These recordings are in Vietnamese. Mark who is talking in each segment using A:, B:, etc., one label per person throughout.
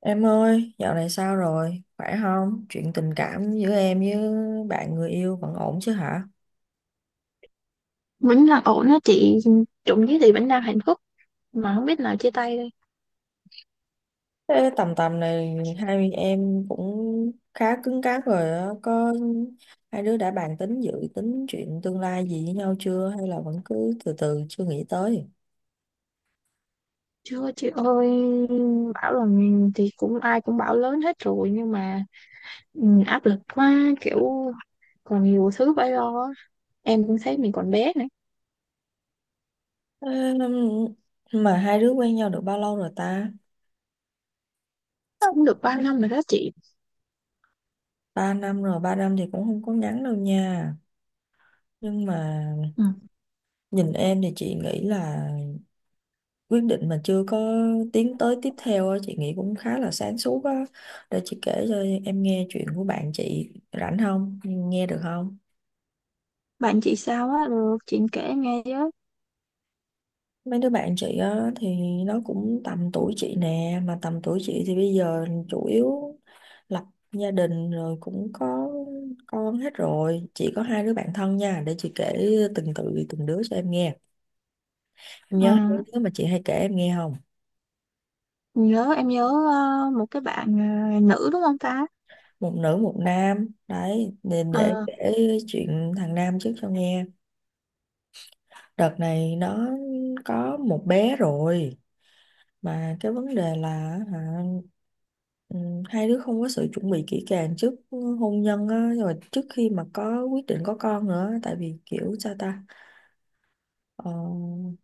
A: Em ơi, dạo này sao rồi? Khỏe không? Chuyện tình cảm giữa em với bạn người yêu vẫn ổn chứ hả?
B: Vẫn là ổn á chị. Trộm vía thì vẫn đang hạnh phúc, mà không biết nào chia tay đây.
A: Thế tầm tầm này hai em cũng khá cứng cáp rồi á. Có hai đứa đã bàn tính dự tính chuyện tương lai gì với nhau chưa? Hay là vẫn cứ từ từ chưa nghĩ tới?
B: Chưa chị ơi. Bảo là thì cũng ai cũng bảo lớn hết rồi nhưng mà ừ, áp lực quá, kiểu còn nhiều thứ phải lo á. Em cũng thấy mình còn bé nữa.
A: Ê, mà hai đứa quen nhau được bao lâu rồi ta?
B: Cũng được 3 năm rồi đó chị.
A: 3 năm rồi, 3 năm thì cũng không có ngắn đâu nha. Nhưng mà
B: Ừ.
A: nhìn em thì chị nghĩ là quyết định mà chưa có tiến tới tiếp theo á, chị nghĩ cũng khá là sáng suốt á. Để chị kể cho em nghe chuyện của bạn chị, rảnh không, nghe được không?
B: Bạn chị sao á, được chị kể nghe với.
A: Mấy đứa bạn chị á thì nó cũng tầm tuổi chị nè, mà tầm tuổi chị thì bây giờ chủ yếu lập gia đình rồi, cũng có con hết rồi. Chị có hai đứa bạn thân nha, để chị kể từng đứa cho em nghe. Em
B: Ờ,
A: nhớ hai đứa mà chị hay kể em nghe không?
B: nhớ, em nhớ. Một cái bạn nữ đúng không ta?
A: Một nữ một nam đấy, để
B: Ờ.
A: kể chuyện thằng nam trước cho nghe. Đợt này nó có một bé rồi, mà cái vấn đề là, hả, ừ, hai đứa không có sự chuẩn bị kỹ càng trước hôn nhân á, rồi trước khi mà có quyết định có con nữa, tại vì kiểu sao ta, ờ,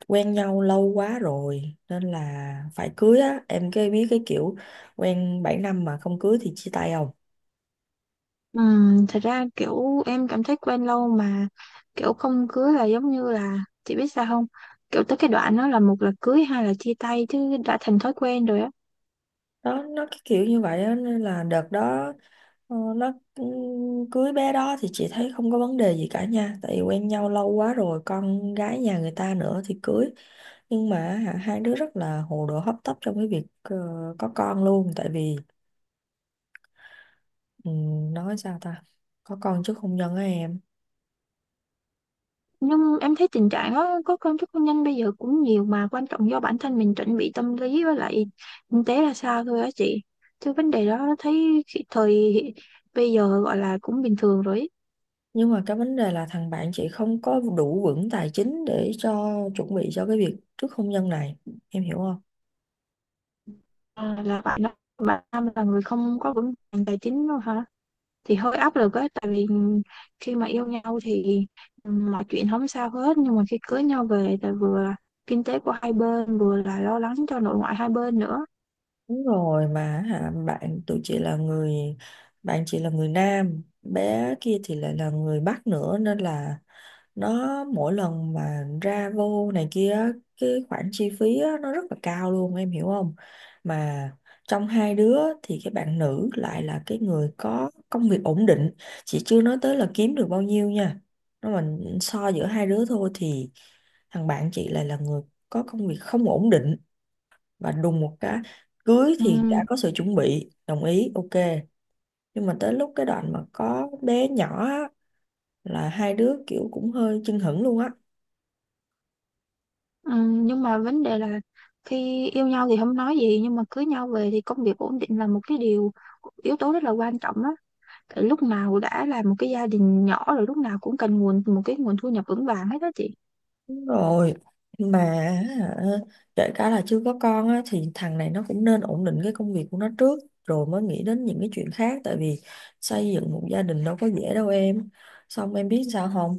A: quen nhau lâu quá rồi nên là phải cưới á em, cái biết cái kiểu quen 7 năm mà không cưới thì chia tay không.
B: Thật ra kiểu em cảm thấy quen lâu mà kiểu không cưới là giống như là, chị biết sao không, kiểu tới cái đoạn đó là một là cưới hai là chia tay chứ đã thành thói quen rồi á.
A: Đó, nó cái kiểu như vậy á, nên là đợt đó nó cũng cưới bé đó thì chị thấy không có vấn đề gì cả nha, tại vì quen nhau lâu quá rồi, con gái nhà người ta nữa thì cưới. Nhưng mà, hai đứa rất là hồ đồ hấp tấp trong cái việc có con luôn, tại vì nói sao ta, có con chứ không nhân á em.
B: Nhưng em thấy tình trạng đó có công thức hôn nhân bây giờ cũng nhiều, mà quan trọng do bản thân mình chuẩn bị tâm lý với lại kinh tế ra sao thôi á chị. Chứ vấn đề đó thấy thời bây giờ gọi là cũng bình thường rồi ý.
A: Nhưng mà cái vấn đề là thằng bạn chị không có đủ vững tài chính để cho chuẩn bị cho cái việc trước hôn nhân này, em hiểu không?
B: À, là bạn đó, bạn Nam là người không có vững vàng tài chính đâu hả? Thì hơi áp lực á, tại vì khi mà yêu nhau thì mọi chuyện không sao hết, nhưng mà khi cưới nhau về thì vừa là kinh tế của hai bên vừa là lo lắng cho nội ngoại hai bên nữa.
A: Đúng rồi, mà bạn chị là người Nam, bé kia thì lại là người Bắc nữa, nên là nó mỗi lần mà ra vô này kia á, cái khoản chi phí á, nó rất là cao luôn, em hiểu không? Mà trong hai đứa thì cái bạn nữ lại là cái người có công việc ổn định, chị chưa nói tới là kiếm được bao nhiêu nha, nó mình so giữa hai đứa thôi thì thằng bạn chị lại là người có công việc không ổn định. Và đùng một cái, cưới thì đã
B: Ừm.
A: có sự chuẩn bị, đồng ý, ok, nhưng mà tới lúc cái đoạn mà có bé nhỏ á, là hai đứa kiểu cũng hơi chưng hửng luôn á.
B: Nhưng mà vấn đề là khi yêu nhau thì không nói gì nhưng mà cưới nhau về thì công việc ổn định là một cái điều, yếu tố rất là quan trọng đó. Tại lúc nào đã là một cái gia đình nhỏ rồi lúc nào cũng cần nguồn, một cái nguồn thu nhập vững vàng hết đó chị.
A: Đúng rồi, mà hả, kể cả là chưa có con á, thì thằng này nó cũng nên ổn định cái công việc của nó trước, rồi mới nghĩ đến những cái chuyện khác, tại vì xây dựng một gia đình đâu có dễ đâu em. Xong em biết sao không,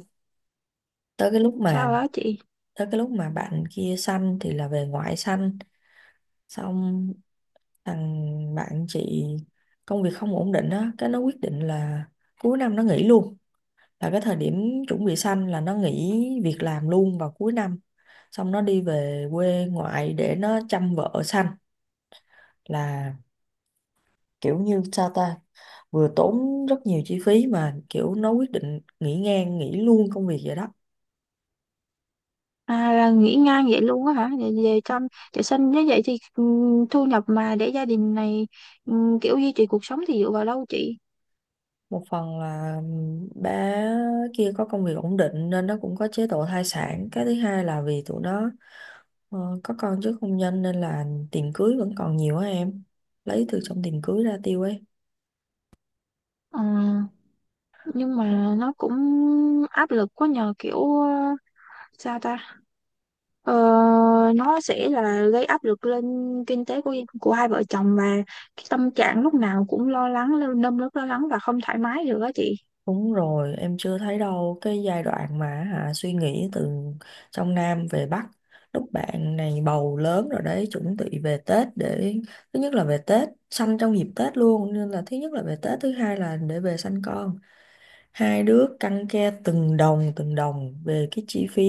A: tới cái lúc
B: Sao
A: mà
B: đó chị?
A: tới cái lúc mà bạn kia sanh thì là về ngoại sanh. Xong, thằng bạn chị công việc không ổn định á, cái nó quyết định là cuối năm nó nghỉ luôn. Là cái thời điểm chuẩn bị sanh là nó nghỉ việc làm luôn vào cuối năm. Xong nó đi về quê ngoại để nó chăm vợ sanh. Là kiểu như sao ta, vừa tốn rất nhiều chi phí mà kiểu nó quyết định nghỉ ngang, nghỉ luôn công việc vậy đó.
B: À, là nghỉ ngang vậy luôn á hả? Vậy, về trong để sinh như vậy thì thu nhập mà để gia đình này kiểu duy trì cuộc sống thì dựa vào đâu chị?
A: Một phần là bé kia có công việc ổn định nên nó cũng có chế độ thai sản. Cái thứ hai là vì tụi nó có con trước hôn nhân nên là tiền cưới vẫn còn nhiều á em, lấy từ trong tiền cưới ra tiêu ấy.
B: Ờ, nhưng mà nó cũng áp lực quá nhờ, kiểu sao ta? Ờ, nó sẽ là gây áp lực lên kinh tế của hai vợ chồng, và cái tâm trạng lúc nào cũng lo lắng, nơm nớp lo lắng và không thoải mái được á chị.
A: Đúng rồi, em chưa thấy đâu, cái giai đoạn mà suy nghĩ từ trong Nam về Bắc. Lúc bạn này bầu lớn rồi đấy, chuẩn bị về Tết để, thứ nhất là về Tết, sanh trong dịp Tết luôn, nên là thứ nhất là về Tết, thứ hai là để về sanh con. Hai đứa căng ke từng đồng về cái chi phí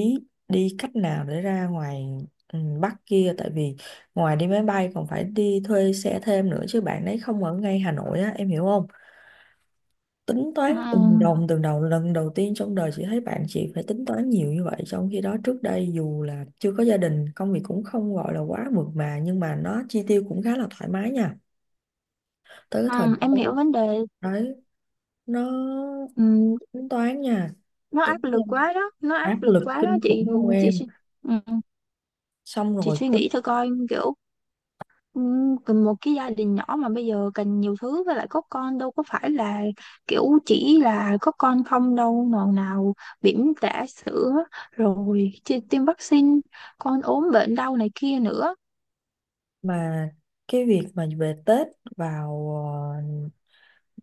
A: đi cách nào để ra ngoài Bắc kia, tại vì ngoài đi máy bay còn phải đi thuê xe thêm nữa, chứ bạn đấy không ở ngay Hà Nội á, em hiểu không? Tính
B: Ừ.
A: toán từng đồng từng đồng, lần đầu tiên trong đời chị thấy bạn chị phải tính toán nhiều như vậy, trong khi đó trước đây dù là chưa có gia đình, công việc cũng không gọi là quá mượt mà, nhưng mà nó chi tiêu cũng khá là thoải mái nha. Tới cái thời
B: ừ,
A: điểm
B: em hiểu
A: đó
B: vấn đề.
A: đấy, nó
B: Ừ,
A: tính toán nha,
B: nó
A: tính
B: áp lực
A: em
B: quá đó, nó áp
A: áp
B: lực
A: lực
B: quá đó
A: kinh
B: chị.
A: khủng luôn
B: Ừ, chị
A: em.
B: suy- Ừ.
A: Xong
B: Chị
A: rồi
B: suy
A: tính,
B: nghĩ thôi coi, kiểu cần một cái gia đình nhỏ mà bây giờ cần nhiều thứ, với lại có con đâu có phải là kiểu chỉ là có con không đâu, nào nào bỉm trả sữa, rồi tiêm vaccine, con ốm bệnh đau này kia nữa.
A: mà cái việc mà về Tết vào ờ,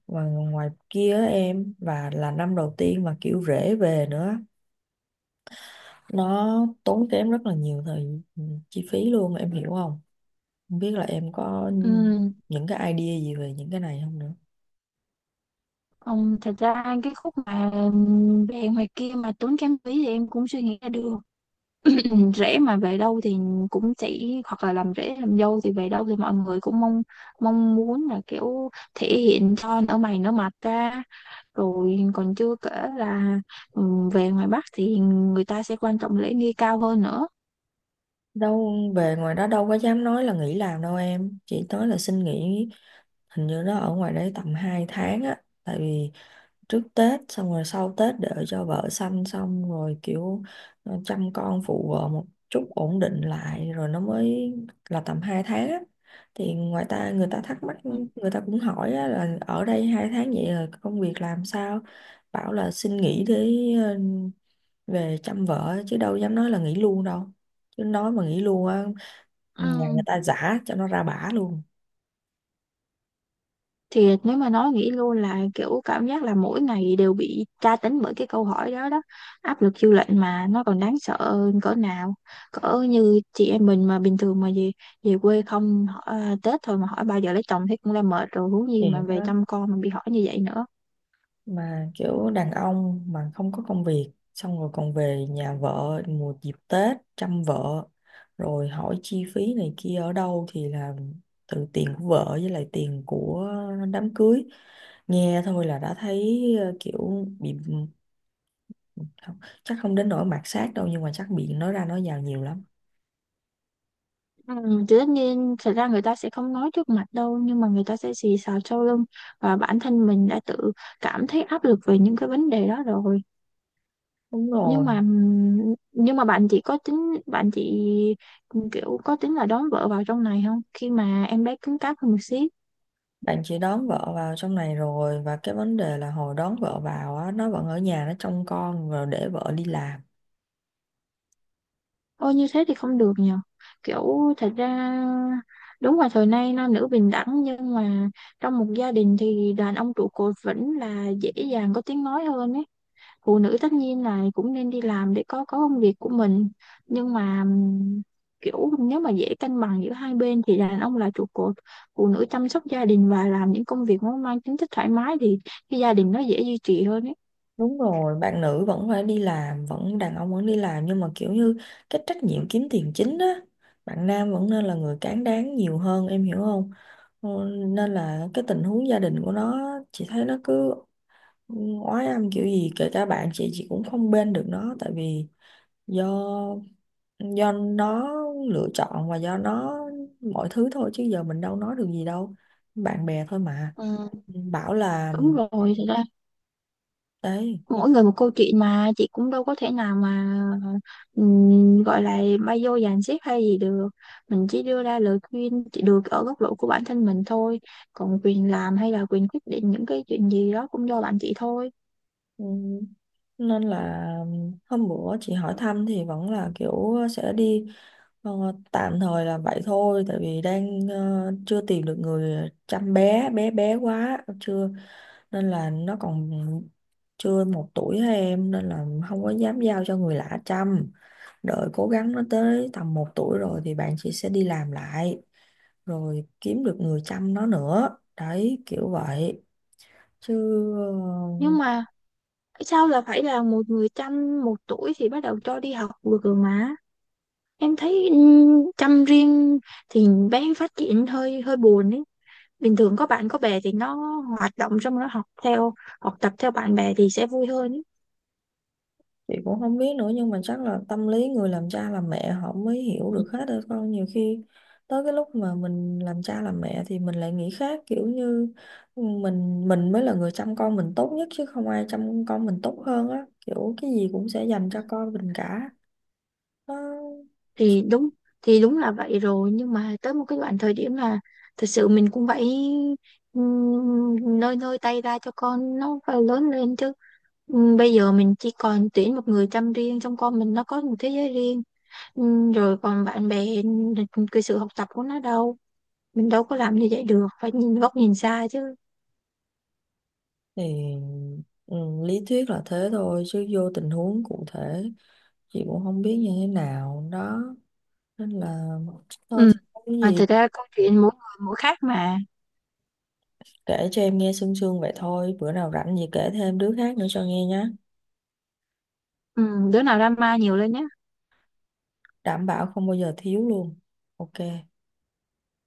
A: ngoài kia á em, và là năm đầu tiên mà kiểu rể về nữa, nó tốn kém rất là nhiều chi phí luôn, em hiểu không? Không biết là em có
B: Ừm.
A: những cái idea gì về những cái này không nữa.
B: Thật ra cái khúc mà về ngoài kia mà tốn kém phí thì em cũng suy nghĩ ra được. Rễ mà về đâu thì cũng chỉ, hoặc là làm rễ làm dâu thì về đâu thì mọi người cũng mong, mong muốn là kiểu thể hiện cho nở mày nở mặt ra. Rồi còn chưa kể là ừ, về ngoài Bắc thì người ta sẽ quan trọng lễ nghi cao hơn nữa.
A: Đâu, về ngoài đó đâu có dám nói là nghỉ làm đâu em, chỉ nói là xin nghỉ. Hình như nó ở ngoài đấy tầm 2 tháng á, tại vì trước Tết xong rồi sau Tết đợi cho vợ sanh xong rồi kiểu chăm con phụ vợ một chút ổn định lại rồi nó mới, là tầm 2 tháng á. Thì ngoài ta người ta thắc mắc, người ta cũng hỏi á, là ở đây 2 tháng vậy rồi công việc làm sao? Bảo là xin nghỉ để ờ, về chăm vợ chứ đâu dám nói là nghỉ luôn đâu. Chứ nói mà nghỉ luôn á, nhà người
B: Ừ.
A: ta giả cho nó ra bả luôn.
B: Thì nếu mà nói nghĩ luôn là kiểu cảm giác là mỗi ngày đều bị tra tấn bởi cái câu hỏi đó đó, áp lực dư luận mà nó còn đáng sợ hơn cỡ nào. Cỡ như chị em mình mà bình thường mà về về quê không hỏi, à, Tết thôi mà hỏi bao giờ lấy chồng thấy cũng đã mệt rồi, huống
A: Thì
B: gì mà về
A: nó,
B: chăm con mà bị hỏi như vậy nữa.
A: mà kiểu đàn ông mà không có công việc, xong rồi còn về nhà vợ mùa dịp Tết chăm vợ, rồi hỏi chi phí này kia ở đâu thì là từ tiền của vợ với lại tiền của đám cưới, nghe thôi là đã thấy kiểu bị, không, chắc không đến nỗi mạt sát đâu nhưng mà chắc bị nói ra nói vào nhiều lắm.
B: Ừ, thì tất nhiên thật ra người ta sẽ không nói trước mặt đâu nhưng mà người ta sẽ xì xào sau lưng, và bản thân mình đã tự cảm thấy áp lực về những cái vấn đề đó rồi.
A: Đúng
B: nhưng
A: rồi,
B: mà nhưng mà bạn chị có tính, bạn chị kiểu có tính là đón vợ vào trong này không, khi mà em bé cứng cáp hơn một xíu?
A: bạn chỉ đón vợ vào trong này rồi, và cái vấn đề là hồi đón vợ vào á, nó vẫn ở nhà nó trông con rồi để vợ đi làm.
B: Ôi như thế thì không được nhờ, kiểu thật ra đúng là thời nay nam nữ bình đẳng nhưng mà trong một gia đình thì đàn ông trụ cột vẫn là dễ dàng có tiếng nói hơn ấy. Phụ nữ tất nhiên là cũng nên đi làm để có công việc của mình, nhưng mà kiểu nếu mà dễ cân bằng giữa hai bên thì đàn ông là trụ cột, phụ nữ chăm sóc gia đình và làm những công việc nó mang tính chất thoải mái thì cái gia đình nó dễ duy trì hơn ấy.
A: Đúng rồi, bạn nữ vẫn phải đi làm, vẫn đàn ông vẫn đi làm, nhưng mà kiểu như cái trách nhiệm kiếm tiền chính á, bạn nam vẫn nên là người cán đáng nhiều hơn, em hiểu không? Ờ, Nên là cái tình huống gia đình của nó, chị thấy nó cứ ừ, oái âm kiểu gì, kể cả bạn chị cũng không bên được nó, tại vì do nó lựa chọn và do nó mọi thứ thôi, chứ giờ mình đâu nói được gì đâu. Bạn bè thôi mà.
B: Ừ.
A: Bảo là
B: Đúng rồi, thật ra
A: đấy.
B: mỗi người một câu chuyện mà, chị cũng đâu có thể nào mà gọi là bay vô dàn xếp hay gì được. Mình chỉ đưa ra lời khuyên chỉ được ở góc độ của bản thân mình thôi, còn quyền làm hay là quyền quyết định những cái chuyện gì đó cũng do bạn chị thôi.
A: Ừ. Nên là hôm bữa chị hỏi thăm thì vẫn là kiểu sẽ đi, ờ, tạm thời là vậy thôi, tại vì đang chưa tìm được người chăm, bé bé bé quá chưa, nên là nó còn chưa 1 tuổi thôi em, nên là không có dám giao cho người lạ chăm. Đợi cố gắng nó tới tầm 1 tuổi rồi thì bạn chị sẽ đi làm lại, rồi kiếm được người chăm nó nữa, đấy kiểu vậy chứ.
B: Nhưng
A: ờ,
B: mà sao là phải là một người chăm, 1 tuổi thì bắt đầu cho đi học được rồi mà. Em thấy chăm riêng thì bé phát triển hơi hơi buồn ấy. Bình thường có bạn có bè thì nó hoạt động, xong nó học theo, học tập theo bạn bè thì sẽ vui hơn ấy.
A: chị cũng không biết nữa, nhưng mà chắc là tâm lý người làm cha làm mẹ họ mới hiểu được hết thôi con, nhiều khi tới cái lúc mà mình làm cha làm mẹ thì mình lại nghĩ khác, kiểu như mình mới là người chăm con mình tốt nhất chứ không ai chăm con mình tốt hơn á, kiểu cái gì cũng sẽ dành cho con mình cả. Nó-
B: Thì đúng, thì đúng là vậy rồi nhưng mà tới một cái đoạn thời điểm là thật sự mình cũng phải nơi nơi tay ra cho con nó phải lớn lên chứ. Bây giờ mình chỉ còn tuyển một người chăm riêng trong con mình, nó có một thế giới riêng. Rồi còn bạn bè, cái sự học tập của nó đâu, mình đâu có làm như vậy được, phải nhìn góc nhìn xa chứ.
A: thì ừ, lý thuyết là thế thôi, chứ vô tình huống cụ thể chị cũng không biết như thế nào đó, nên là thôi
B: Ừm,
A: thì không có
B: mà
A: gì.
B: thật ra câu chuyện mỗi người mỗi khác mà.
A: Kể cho em nghe sương sương vậy thôi, bữa nào rảnh gì kể thêm đứa khác nữa cho nghe nhé.
B: Đứa nào drama nhiều lên nhé.
A: Đảm bảo không bao giờ thiếu luôn. Ok.